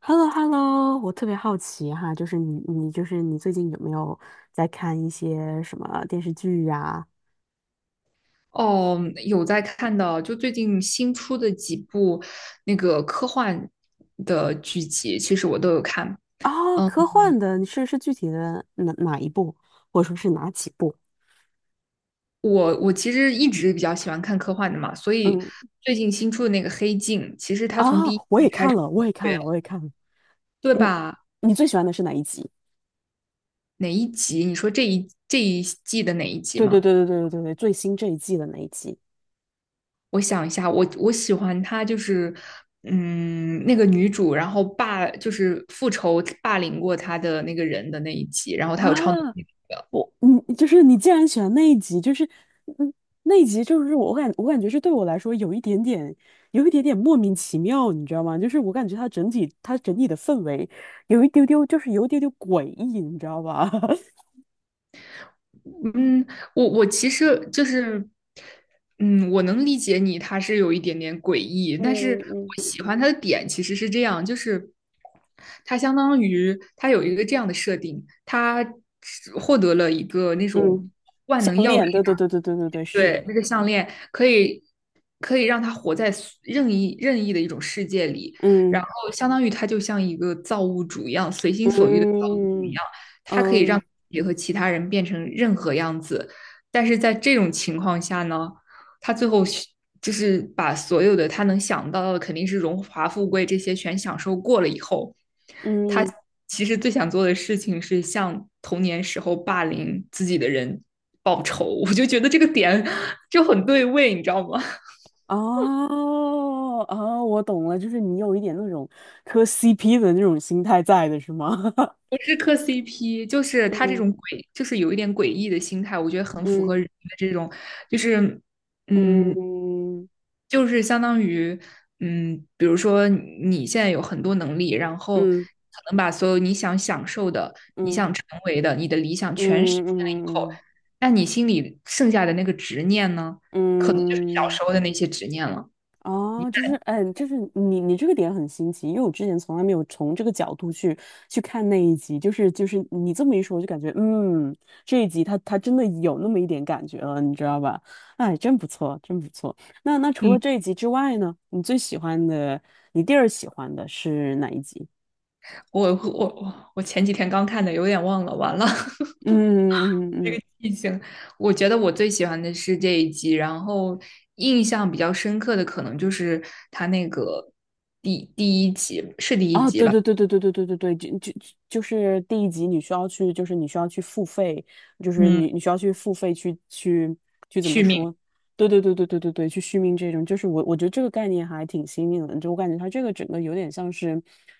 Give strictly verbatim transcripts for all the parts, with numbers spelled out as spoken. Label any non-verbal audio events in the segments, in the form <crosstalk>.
h e l l o h e l l o， 我特别好奇哈，就是你，你就是你最近有没有在看一些什么电视剧呀？哦，有在看的，就最近新出的几部那个科幻的剧集，其实我都有看。啊？嗯，科幻的，你是是具体的哪哪一部，或者说是哪几部？我我其实一直比较喜欢看科幻的嘛，所以嗯。最近新出的那个《黑镜》，其实它从啊，第一我也季开看始，了，我也看了，我也看了。对嗯，吧？你最喜欢的是哪一集？哪一集？你说这一这一季的哪一集对对吗？对对对对对，最新这一季的那一集。我想一下，我我喜欢她就是，嗯，那个女主，然后霸就是复仇霸凌过她的那个人的那一集，然后她有超能啊？力。我你就是你，既然喜欢那一集，就是嗯，那一集就是我感我感觉是对我来说有一点点有一点点莫名其妙，你知道吗？就是我感觉它整体它整体的氛围有一丢丢，就是有一丢丢诡异，你知道吧？<laughs> 嗯，我我其实就是，嗯，我能理解你，他是有一点点诡异，但是嗯嗯，我喜欢他的点其实是这样，就是他相当于他有一个这样的设定，他获得了一个那嗯，种项链，对对对对对对对，是的。对，那个项链可以可以让他活在任意任意的一种世界里，然嗯后相当于他就像一个造物主一样，随心所欲的造物主一嗯样，他可以让嗯自己和其他人变成任何样子。但是在这种情况下呢，他最后就是把所有的他能想到的，肯定是荣华富贵这些全享受过了以后，他嗯。其实最想做的事情是向童年时候霸凌自己的人报仇，我就觉得这个点就很对位，你知道吗？<laughs> 哦哦，我懂了，就是你有一点那种磕 C P 的那种心态在的是吗？<laughs> 不是磕 C P,就是他这嗯种诡，就是有一点诡异的心态，我觉得很符合嗯。人的这种，就是嗯，嗯就是相当于，嗯，比如说你现在有很多能力，然后可嗯能把所有你想享受的、你嗯想成为的、你的理想全实嗯现了以后，嗯嗯那你心里剩下的那个执念呢，可能就是小嗯。嗯，时候的那些执念了。你哦，就是，嗯，就是你你这个点很新奇，因为我之前从来没有从这个角度去去看那一集，就是就是你这么一说，我就感觉，嗯，这一集它它真的有那么一点感觉了，你知道吧？哎，真不错，真不错。那那除了嗯，这一集之外呢，你最喜欢的，你第二喜欢的是哪一集？我我我我前几天刚看的，有点忘了，完了，嗯嗯嗯嗯嗯。 <laughs> 已经。我觉得我最喜欢的是这一集，然后印象比较深刻的可能就是他那个第第一集，是第一啊，集对吧？对对对对对对对对，就就就是第一集你需要去，就是你需要去付费，就是嗯。你你需要去付费去去去怎么续命，说？对对对对对对对，去续命这种，就是我我觉得这个概念还挺新颖的，就我感觉它这个整个有点像是，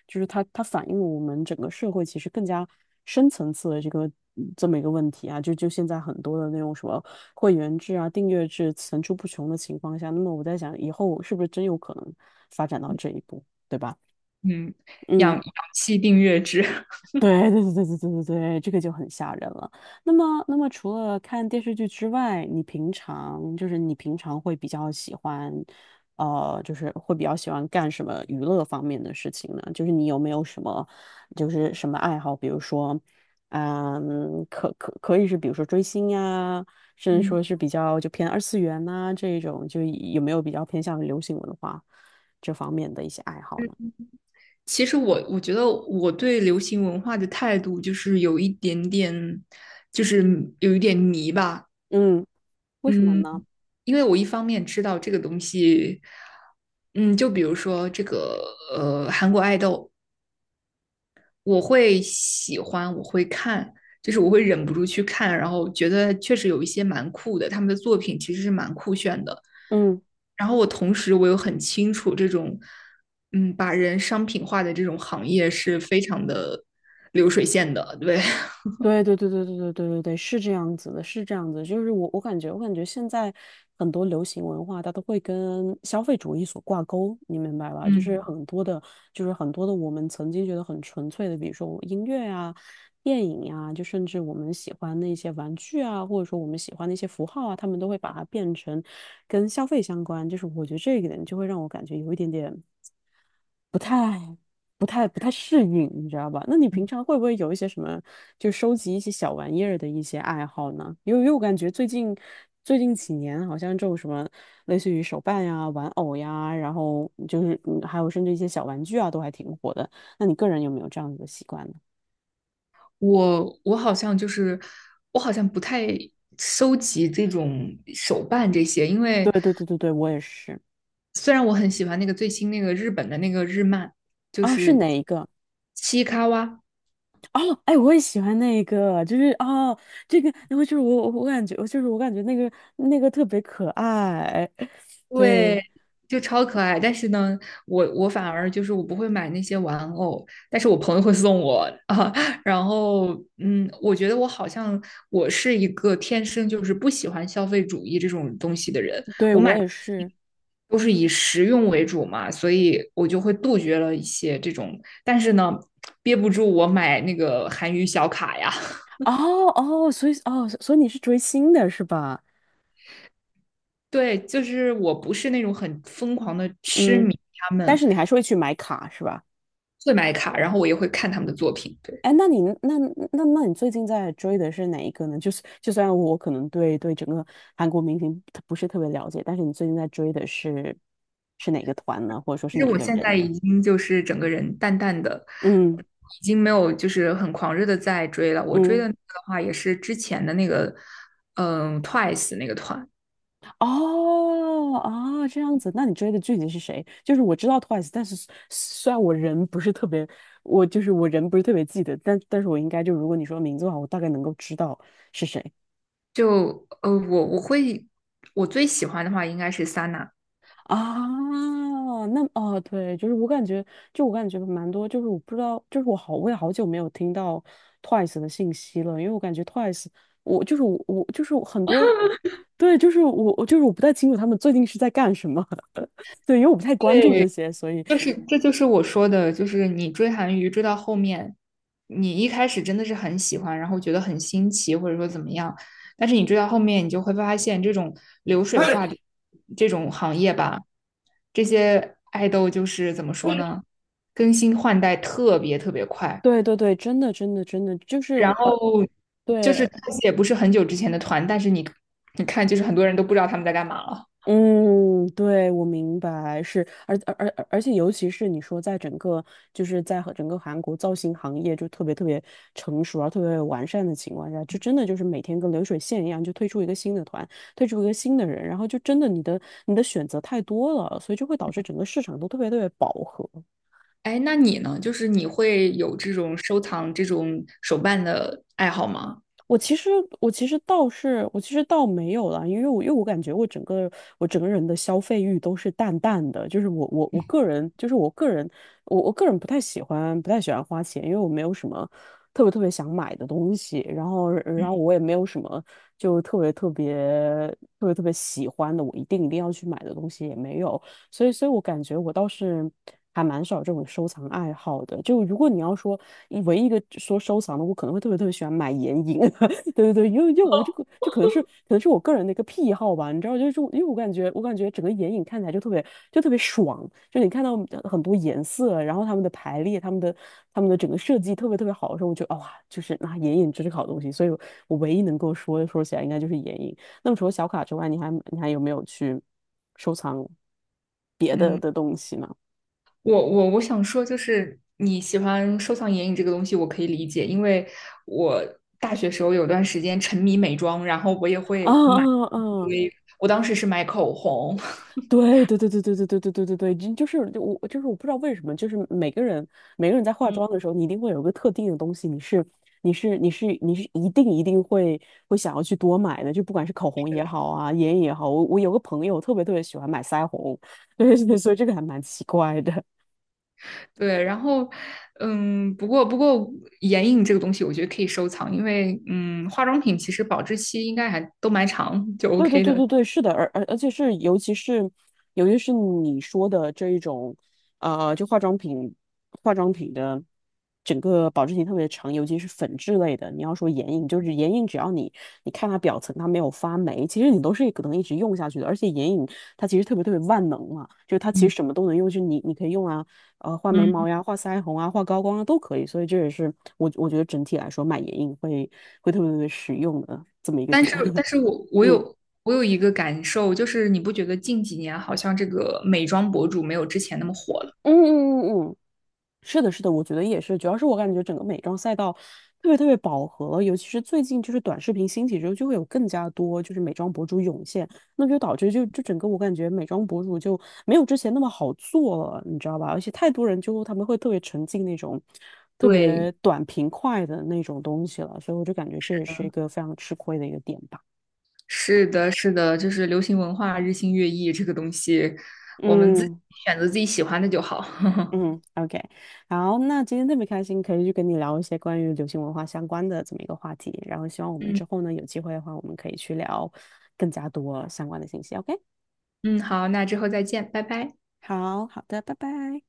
就是它它反映了我们整个社会其实更加深层次的这个嗯这么一个问题啊，就就现在很多的那种什么会员制啊、订阅制层出不穷的情况下，那么我在想以后是不是真有可能发展到这一步，对吧？嗯，氧嗯。氧气订阅制，<laughs> 对对对对对对对对，这个就很吓人了。那么，那么除了看电视剧之外，你平常就是你平常会比较喜欢，呃，就是会比较喜欢干什么娱乐方面的事情呢？就是你有没有什么，就是什么爱好？比如说，嗯，可可可以是比如说追星呀，甚至嗯。说是比较就偏二次元呐、这一种，就有没有比较偏向于流行文化这方面的一些爱好呢？其实我我觉得我对流行文化的态度就是有一点点，就是有一点迷吧，嗯，为什么嗯，呢？因为我一方面知道这个东西，嗯，就比如说这个呃韩国爱豆，我会喜欢，我会看，就是我会忍不住去看，然后觉得确实有一些蛮酷的，他们的作品其实是蛮酷炫的。嗯。然后我同时我又很清楚这种，嗯，把人商品化的这种行业是非常的流水线的，对，对对对对对对对对对，是这样子的，是这样子的，就是我我感觉，我感觉现在很多流行文化，它都会跟消费主义所挂钩，你明白吧？就是嗯 很多的，就是很多的我们曾经觉得很纯粹的，比如说音乐啊、电影呀、就甚至我们喜欢的一些玩具啊，或者说我们喜欢的一些符号啊，他们都会把它变成跟消费相关。就是我觉得这一点就会让我感觉有一点点不太、不太、不太适应，你知道吧？那你平常会不会有一些什么，就收集一些小玩意儿的一些爱好呢？因为因为我感觉最近最近几年，好像这种什么类似于手办呀、玩偶呀，然后就是嗯还有甚至一些小玩具啊，都还挺火的。那你个人有没有这样子的习惯呢？<laughs> 我我好像就是我好像不太收集这种手办这些，因为对对对对对，我也是。虽然我很喜欢那个最新那个日本的那个日漫，就哦，是是哪一个？七卡哇，哦，哎，我也喜欢那个，就是哦，这个，然后就是我我我感觉，我就是我感觉那个那个特别可爱，<laughs> 对。对，就超可爱。但是呢，我我反而就是我不会买那些玩偶，但是我朋友会送我啊。<laughs> 然后，嗯，我觉得我好像我是一个天生就是不喜欢消费主义这种东西的人，对，我也是。都是以实用为主嘛，所以我就会杜绝了一些这种。但是呢，憋不住我买那个韩娱小卡呀。哦哦，所以哦，所以你是追星的是吧？对，就是我不是那种很疯狂的痴嗯，迷他但们是你还是会去买卡是吧？会买卡，然后我也会看他们的作品。对，哎，那你那那那你最近在追的是哪一个呢？就是就虽然我可能对对整个韩国明星不是特别了解，但是你最近在追的是是哪个团呢？或者说是其实哪一我个现人？在已经就是整个人淡淡的，嗯已经没有就是很狂热的在追了。我追的嗯。那个的话，也是之前的那个，嗯，Twice 那个团。哦，啊，这样子，那你追的剧体是谁？就是我知道 Twice,但是虽然我人不是特别，我就是我人不是特别记得，但但是我应该，就如果你说名字的话，我大概能够知道是谁就呃，我我会我最喜欢的话应该是 Sana。啊。那，哦，对，就是我感觉，就我感觉蛮多，就是我不知道，就是我好，我也好久没有听到 Twice 的信息了，因为我感觉 Twice,我就是我，我就是很多，对，就是我，我就是我不太清楚他们最近是在干什么，<laughs> 对，因为我不太关注这对，些，所以。就是这就是我说的，就是你追韩娱追到后面，你一开始真的是很喜欢，然后觉得很新奇，或者说怎么样，但是你追到后面，你就会发现这种流水化的这种行业吧，这些爱豆就是怎么说呢，更新换代特别特别快，对对对，真的真的真的，就是然呃，后就是对，看且也不是很久之前的团，但是你你看，就是很多人都不知道他们在干嘛了。嗯，对，我明白，是，而而而而且尤其是你说在整个就是在和整个韩国造型行业就特别特别成熟而特别完善的情况下，就真的就是每天跟流水线一样，就推出一个新的团，推出一个新的人，然后就真的你的你的选择太多了，所以就会导致整个市场都特别特别饱和。哎，那你呢？就是你会有这种收藏这种手办的爱好吗？我其实我其实倒是我其实倒没有了，因为我因为我感觉我整个我整个人的消费欲都是淡淡的，就是我我我个人就是我个人我我个人不太喜欢不太喜欢花钱，因为我没有什么特别特别想买的东西，然后然后我也没有什么就特别特别特别特别喜欢的，我一定一定要去买的东西也没有，所以所以我感觉我倒是。还蛮少这种收藏爱好的，就如果你要说唯一一个说收藏的，我可能会特别特别喜欢买眼影。<laughs> 对对对，因为因为我就可就可能是可能是我个人的一个癖好吧，你知道，就是因为我感觉我感觉整个眼影看起来就特别就特别爽，就你看到呃很多颜色，然后它们的排列、它们的它们的整个设计特别特别好的时候，我就得哇，就是那、啊、眼影真是个好东西，所以我我唯一能够说说起来应该就是眼影。那么除了小卡之外，你还你还有没有去收藏别的嗯，的东西呢？我我我想说，就是你喜欢收藏眼影这个东西，我可以理解，因为我大学时候有段时间沉迷美妆，然后我也 <laughs> 啊会买啊啊！一啊，堆，我当时是买口红，<laughs> 对对对对对对对对对对对，就就是就我就是我不知道为什么，就是每个人每个人在化嗯妆的时候，你一定会有一个特定的东西，你是你是你是你是一定一定会会想要去多买的，就不管是口红是也的好啊，眼影也好，我我有个朋友特别特别喜欢买腮红。<laughs> 对对，嗯 所以这个还蛮奇怪的。<laughs> 对，然后嗯，不过不过眼影这个东西，我觉得可以收藏，因为嗯，化妆品其实保质期应该还都蛮长，就 对对 OK 对的。对对，是的，而而而且是，尤其是，尤其是你说的这一种，呃，就化妆品，化妆品的整个保质期特别长，尤其是粉质类的。你要说眼影，就是眼影，只要你你看它表层它没有发霉，其实你都是可能一直用下去的。而且眼影它其实特别特别万能嘛，就是它其嗯实什么都能用，就是你你可以用啊，呃，画眉嗯毛呀，画腮红啊，画高光啊都可以。所以这也是我我觉得整体来说买眼影会会特别特别实用的这么一个但点。是，<laughs> 但是我我嗯。有我有一个感受，就是你不觉得近几年好像这个美妆博主没有之前那么火了？嗯嗯嗯嗯，是的，是的，我觉得也是。主要是我感觉整个美妆赛道特别特别饱和，尤其是最近就是短视频兴起之后，就会有更加多就是美妆博主涌现，那就导致就就整个我感觉美妆博主就没有之前那么好做了，你知道吧？而且太多人就他们会特别沉浸那种特对，别短平快的那种东西了，所以我就感觉这也是一个非常吃亏的一个点吧。是的，是的，就是流行文化日新月异这个东西，我们自己嗯。选择自己喜欢的就好。<laughs> 嗯，OK,好，那今天特别开心，可以去跟你聊一些关于流行文化相关的这么一个话题。然后希望我们嗯之后呢，有机会的话，我们可以去聊更加多相关的信息。OK,嗯，好，那之后再见，拜拜。好，好的，拜拜。